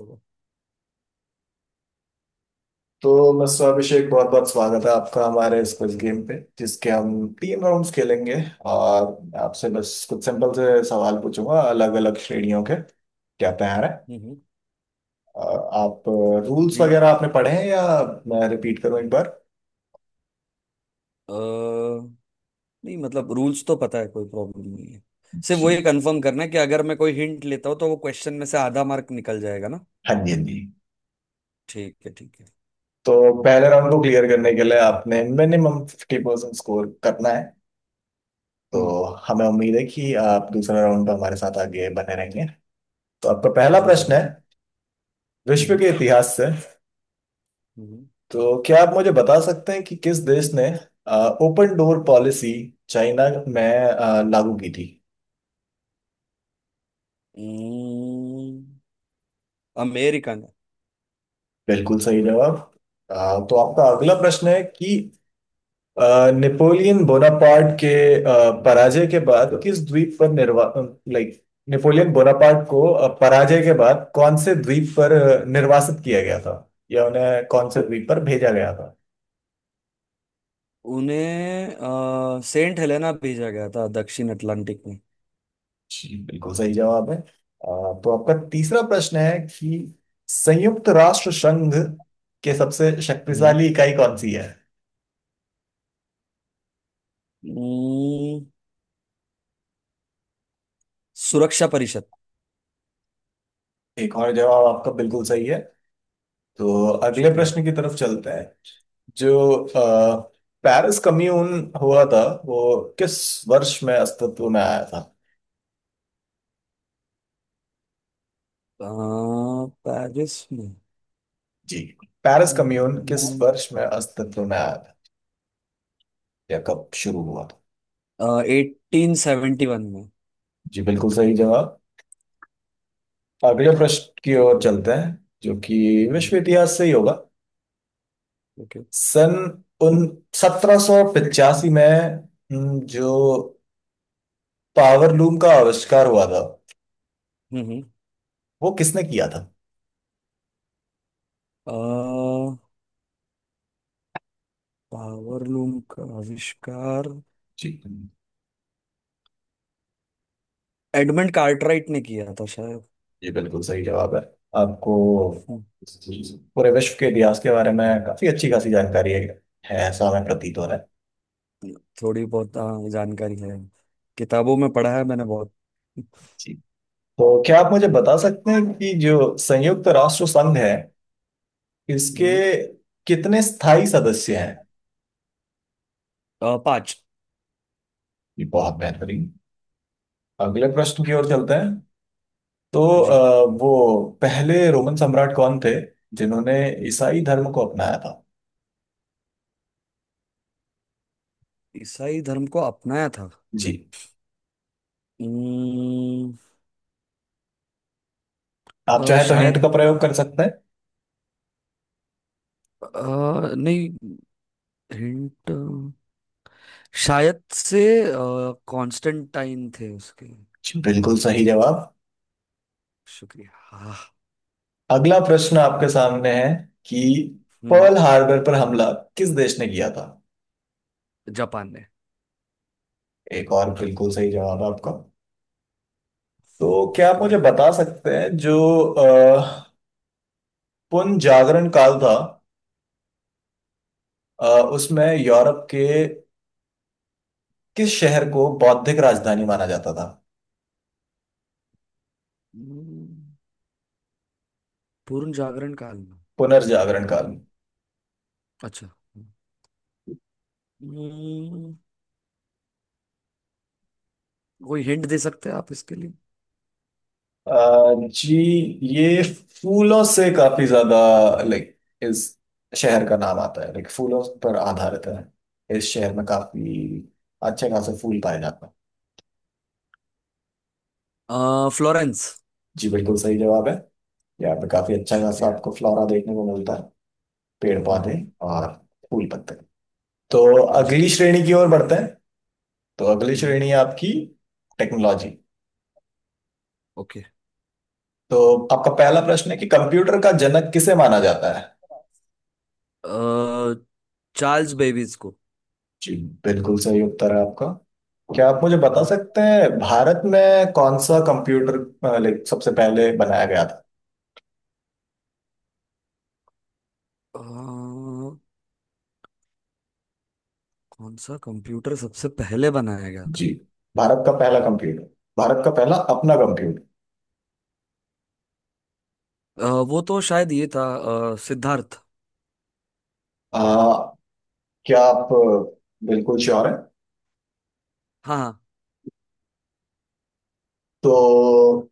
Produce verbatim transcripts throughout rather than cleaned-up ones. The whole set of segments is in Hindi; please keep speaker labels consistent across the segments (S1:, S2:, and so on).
S1: हम्म
S2: तो मिस्टर अभिषेक, बहुत बहुत स्वागत है आपका हमारे इस क्विज गेम पे जिसके हम तीन राउंड्स खेलेंगे। और आपसे बस कुछ सिंपल से सवाल पूछूंगा अलग अलग श्रेणियों के। क्या तैयार है?
S1: हम्म,
S2: और आप रूल्स
S1: जी।
S2: वगैरह आपने पढ़े हैं या मैं रिपीट करूं एक बार?
S1: अ, नहीं, मतलब रूल्स तो पता है, कोई प्रॉब्लम नहीं है। सिर्फ वो ये
S2: जी
S1: कंफर्म करना है कि अगर मैं कोई हिंट लेता हूँ तो वो क्वेश्चन में से आधा मार्क निकल जाएगा ना।
S2: हाँ जी, हाँ जी।
S1: ठीक है ठीक है।
S2: तो पहले राउंड को क्लियर करने के लिए आपने मिनिमम फिफ्टी परसेंट स्कोर करना है।
S1: हम्म।
S2: तो हमें उम्मीद है कि आप दूसरे राउंड में हमारे साथ आगे बने रहेंगे। तो आपका पहला
S1: जी
S2: प्रश्न है
S1: जरूर।
S2: विश्व
S1: हम्म
S2: के इतिहास से।
S1: हम्म हम्म।
S2: तो क्या आप मुझे बता सकते हैं कि किस देश ने ओपन डोर पॉलिसी चाइना में अ, लागू की थी?
S1: हम्म। अमेरिकन।
S2: बिल्कुल सही जवाब। अ, तो आपका अगला प्रश्न है कि अ, नेपोलियन बोनापार्ट के अ, पराजय के बाद किस द्वीप पर निर्वा लाइक, नेपोलियन बोनापार्ट को अ, पराजय के बाद कौन से द्वीप पर अ, निर्वासित किया गया था या उन्हें कौन से द्वीप पर भेजा गया था?
S1: उन्हें अ, सेंट हेलेना भेजा गया था, दक्षिण अटलांटिक में।
S2: जी बिल्कुल सही जवाब है। अ, तो आपका तीसरा प्रश्न है कि संयुक्त राष्ट्र संघ के सबसे
S1: हम्म
S2: शक्तिशाली इकाई कौन सी है?
S1: हम्म। सुरक्षा परिषद।
S2: एक और जवाब आपका बिल्कुल सही है। तो अगले
S1: शुक्रिया।
S2: प्रश्न की तरफ चलते हैं। जो अ, पेरिस कम्यून हुआ था वो किस वर्ष में अस्तित्व में आया था?
S1: अ, पेरिस में।
S2: जी, पेरिस कम्यून किस
S1: हम्म,
S2: वर्ष में अस्तित्व में आया था या कब शुरू हुआ था?
S1: एटीन सेवेंटी वन में।
S2: जी बिल्कुल सही जवाब। अगले प्रश्न की ओर
S1: शुक्रिया।
S2: चलते हैं जो कि विश्व
S1: हम्म।
S2: इतिहास से ही होगा।
S1: ओके।
S2: सन उन सत्रह सौ पचासी में हम्म, जो पावर लूम का आविष्कार हुआ था
S1: हम्म।
S2: वो किसने किया था?
S1: पावर लूम का आविष्कार
S2: जी,
S1: एडमंड कार्टराइट ने किया था शायद।
S2: ये बिल्कुल सही जवाब है। आपको
S1: हम्म,
S2: पूरे विश्व के इतिहास के बारे में काफी अच्छी खासी जानकारी है है ऐसा हमें प्रतीत हो रहा है।
S1: थोड़ी बहुत हाँ, जानकारी है। किताबों में पढ़ा है मैंने बहुत।
S2: जी, तो क्या आप मुझे बता सकते हैं कि जो संयुक्त राष्ट्र संघ है इसके
S1: हम्म,
S2: कितने स्थायी सदस्य हैं?
S1: अ, पाँच।
S2: ये बहुत बेहतरीन। अगले प्रश्न की ओर चलते हैं। तो
S1: जी,
S2: अ, वो पहले रोमन सम्राट कौन थे जिन्होंने ईसाई धर्म को अपनाया था?
S1: ईसाई धर्म को अपनाया था।
S2: जी,
S1: हम्म,
S2: आप
S1: अ,
S2: चाहे तो हिंट
S1: शायद।
S2: का प्रयोग कर सकते हैं।
S1: अ, नहीं, हिंट। शायद से कॉन्स्टेंटाइन थे उसके।
S2: जी, बिल्कुल सही जवाब।
S1: शुक्रिया। हाँ।
S2: अगला प्रश्न आपके सामने है कि
S1: हम्म।
S2: पर्ल हार्बर पर हमला किस देश ने किया था?
S1: जापान ने।
S2: एक और बिल्कुल सही जवाब आपका। तो क्या आप मुझे
S1: शुक्रिया।
S2: बता सकते हैं जो अ, पुनर्जागरण काल था, अ, उसमें यूरोप के किस शहर को बौद्धिक राजधानी माना जाता था?
S1: हम्म, पूर्ण जागरण काल में।
S2: पुनर्जागरण
S1: हम्म,
S2: काल।
S1: अच्छा। हम्म, कोई हिंट दे सकते हैं आप इसके लिए?
S2: अ, जी, ये फूलों से काफी ज्यादा, लाइक, इस शहर का नाम आता है, लाइक फूलों पर आधारित है, इस शहर में काफी अच्छे खासे फूल पाए जाते हैं।
S1: अ, फ्लोरेंस।
S2: जी बिल्कुल सही जवाब है। यहाँ पे काफी अच्छा खासा
S1: शुक्रिया।
S2: आपको फ्लोरा देखने को मिलता है, पेड़
S1: हम्म
S2: पौधे
S1: हम्म।
S2: और फूल पत्ते। तो
S1: जी।
S2: अगली श्रेणी की ओर बढ़ते हैं। तो अगली
S1: हम्म।
S2: श्रेणी है आपकी टेक्नोलॉजी।
S1: ओके।
S2: तो आपका पहला प्रश्न है कि कंप्यूटर का जनक किसे माना जाता है?
S1: अ, चार्ल्स बेबीज को।
S2: जी बिल्कुल सही उत्तर है आपका। क्या आप मुझे बता
S1: हम्म,
S2: सकते हैं भारत में कौन सा कंप्यूटर अ, लाइक सबसे पहले बनाया गया था?
S1: अ, कौन सा कंप्यूटर सबसे पहले बनाया गया
S2: जी,
S1: था?
S2: भारत का पहला कंप्यूटर, भारत का पहला अपना कंप्यूटर।
S1: अ, वो तो शायद ये था, अ, सिद्धार्थ।
S2: आ, क्या आप अ, बिल्कुल श्योर हैं?
S1: हाँ।
S2: तो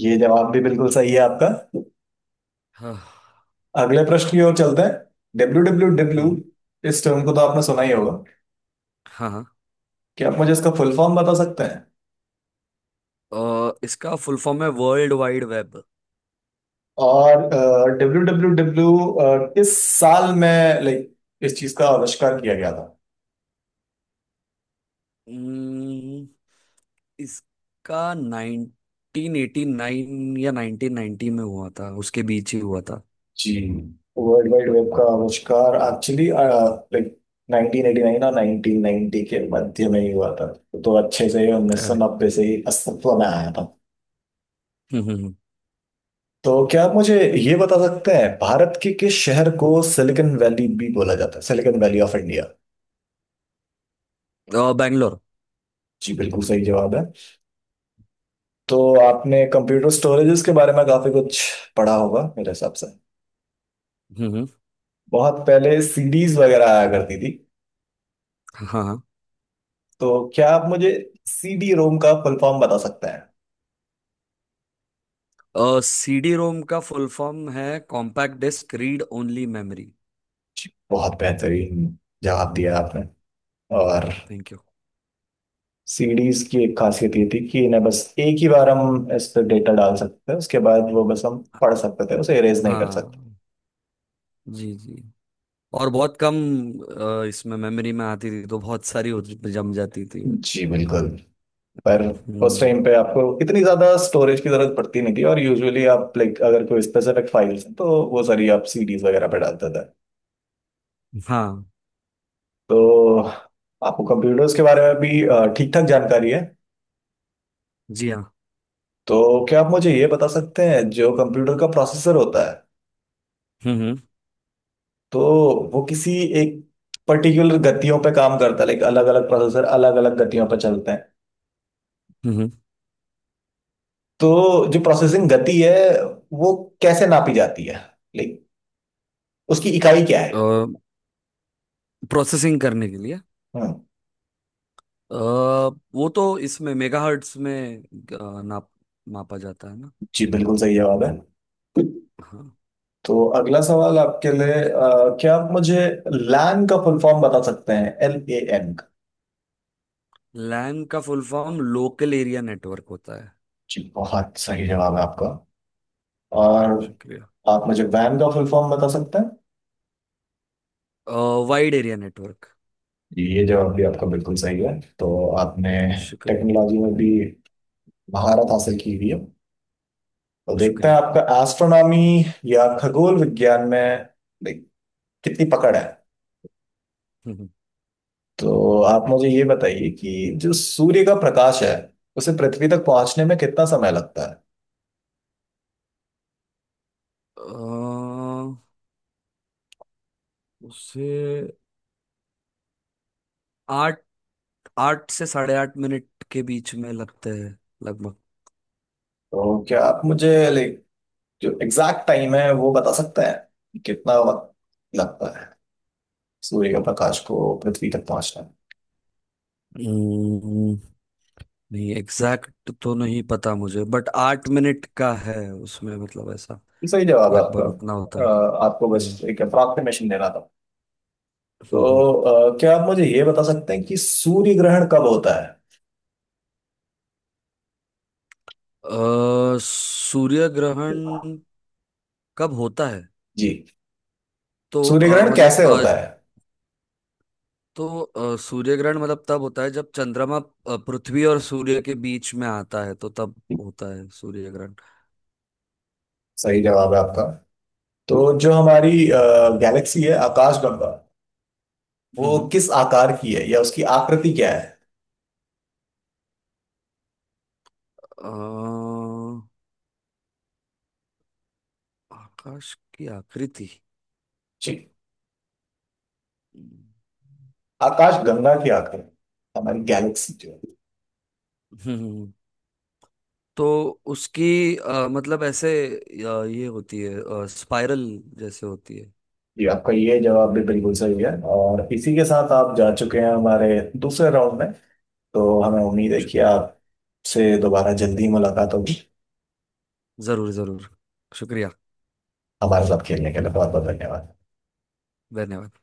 S2: ये जवाब भी बिल्कुल सही है आपका।
S1: हाँ हाँ।
S2: अगले प्रश्न की ओर चलते हैं। डब्ल्यू डब्ल्यू डब्ल्यू,
S1: हम्म,
S2: इस टर्म को तो आपने सुना ही होगा।
S1: हाँ हाँ।
S2: क्या आप मुझे इसका फुल फॉर्म बता सकते हैं?
S1: अ, इसका फुल फॉर्म है वर्ल्ड वाइड वेब।
S2: और डब्ल्यू डब्ल्यू डब्ल्यू किस साल में, लाइक, इस चीज का आविष्कार किया गया था?
S1: हम्म, इसका नाइनटीन एटी नाइन या नाइनटीन नाइनटी में हुआ था, उसके बीच ही हुआ था।
S2: जी, वर्ल्ड वाइड वेब का आविष्कार actually, like, nineteen eighty nine और नाइनटीन नाइनटी के मध्य में ही हुआ था। तो अच्छे से ही
S1: अरे।
S2: नाइनटीन नाइनटी से ही अस्तित्व में आया था।
S1: हम्म हम्म हम्म।
S2: तो क्या आप मुझे ये बता सकते हैं भारत के किस शहर को सिलिकॉन वैली भी बोला जाता है, सिलिकॉन वैली ऑफ इंडिया?
S1: अ, बैंगलोर।
S2: जी बिल्कुल सही जवाब है। तो आपने कंप्यूटर स्टोरेजेस के बारे में काफी कुछ पढ़ा होगा मेरे हिसाब से।
S1: हम्म हम्म।
S2: बहुत पहले सीडीज वगैरह आया करती थी।
S1: हाँ
S2: तो क्या आप मुझे सीडी रोम का फुल फॉर्म बता सकते हैं?
S1: हाँ। सीडी रोम का फुल फॉर्म है compact disc read only memory.
S2: बहुत बेहतरीन जवाब दिया आपने। और
S1: थैंक यू।
S2: सीडीज की एक खासियत ये थी कि इन्हें बस एक ही बार हम इस पर डेटा डाल सकते थे, उसके बाद वो बस हम पढ़ सकते थे, उसे इरेज नहीं कर सकते।
S1: हाँ जी जी। और बहुत कम अ, इसमें मेमोरी में आती थी, तो बहुत सारी हो जम जाती थी।
S2: जी बिल्कुल, पर उस
S1: हम्म।
S2: टाइम पे आपको इतनी ज्यादा स्टोरेज की जरूरत पड़ती नहीं थी, और यूजुअली आप, लाइक, अगर कोई स्पेसिफिक फाइल्स हैं तो वो सारी आप सीडीज वगैरह पे डालते थे।
S1: हाँ
S2: तो आपको कंप्यूटर्स के बारे में भी ठीक ठाक जानकारी है।
S1: जी हाँ।
S2: तो क्या आप मुझे ये बता सकते हैं, जो कंप्यूटर का प्रोसेसर होता है
S1: हम्म
S2: तो वो किसी एक पर्टिकुलर गतियों पे काम करता है, लाइक, अलग अलग प्रोसेसर अलग अलग गतियों पे चलते हैं।
S1: हम्म।
S2: तो जो प्रोसेसिंग गति है वो कैसे नापी जाती है, लाइक, उसकी इकाई क्या है?
S1: हम्म प्रोसेसिंग करने के लिए
S2: हम्म,
S1: अ, वो तो इसमें मेगाहर्ट्ज में अ, नाप मापा जाता है ना।
S2: जी बिल्कुल सही जवाब है।
S1: हाँ।
S2: तो अगला सवाल आपके लिए, अ, क्या आप मुझे लैन का फुल फॉर्म बता सकते हैं, एल ए एन का?
S1: लैन का full form local area network होता है।
S2: जी बहुत सही जवाब है आपका। और
S1: शुक्रिया।
S2: आप मुझे वैन का फुल फॉर्म बता सकते हैं?
S1: Wide area network.
S2: ये जवाब भी आपका बिल्कुल सही है। तो आपने
S1: शुक्रिया।
S2: टेक्नोलॉजी में भी महारत हासिल की हुई है। तो देखते हैं
S1: शुक्रिया।
S2: आपका एस्ट्रोनॉमी या खगोल विज्ञान में, like, कितनी पकड़ है?
S1: हम्म, हम्म।
S2: तो आप मुझे ये बताइए कि जो सूर्य का प्रकाश है उसे पृथ्वी तक पहुंचने में कितना समय लगता है?
S1: अ, उसे आठ आठ से साढ़े आठ मिनट के बीच में लगते हैं, लगभग।
S2: तो क्या आप मुझे, लाइक, जो एग्जैक्ट टाइम है वो बता सकते हैं कि कितना वक्त लगता है सूर्य का प्रकाश को पृथ्वी तक पहुंचने में?
S1: हम्म, नहीं, एग्जैक्ट तो नहीं पता मुझे, बट आठ मिनट का है उसमें, मतलब ऐसा
S2: ये सही जवाब है आपका।
S1: लगभग उतना
S2: अ,
S1: होता है।
S2: आपको बस
S1: हम्म,
S2: एक अप्रॉक्सीमेशन देना था। तो
S1: हम्म, हम्म।
S2: अ, क्या आप मुझे ये बता सकते हैं कि सूर्य ग्रहण कब होता
S1: अ, सूर्य ग्रहण
S2: है?
S1: कब होता है?
S2: जी,
S1: तो
S2: सूर्य
S1: अ,
S2: ग्रहण
S1: मतलब
S2: कैसे
S1: अ,
S2: होता है?
S1: तो अ, सूर्य ग्रहण मतलब तब होता है जब चंद्रमा अ, पृथ्वी और सूर्य के बीच में आता है, तो तब होता है सूर्य ग्रहण।
S2: सही जवाब है आपका। तो जो हमारी गैलेक्सी है आकाश गंगा, वो
S1: हम्म
S2: किस आकार की है या उसकी आकृति क्या है?
S1: अ, आकाश की आकृति।
S2: जी, आकाश गंगा की आकृति, हमारी गैलेक्सी जो है।
S1: हम्म तो उसकी, अ, मतलब ऐसे, अ, ये होती है स्पाइरल जैसे होती है।
S2: जी आपका ये जवाब भी बिल्कुल सही है, और इसी के साथ आप जा चुके हैं हमारे दूसरे राउंड में। तो हमें उम्मीद है कि
S1: शुक्रिया।
S2: आपसे दोबारा जल्दी ही मुलाकात होगी।
S1: जरूर जरूर। शुक्रिया।
S2: हमारे साथ खेलने के लिए बहुत बहुत धन्यवाद।
S1: धन्यवाद।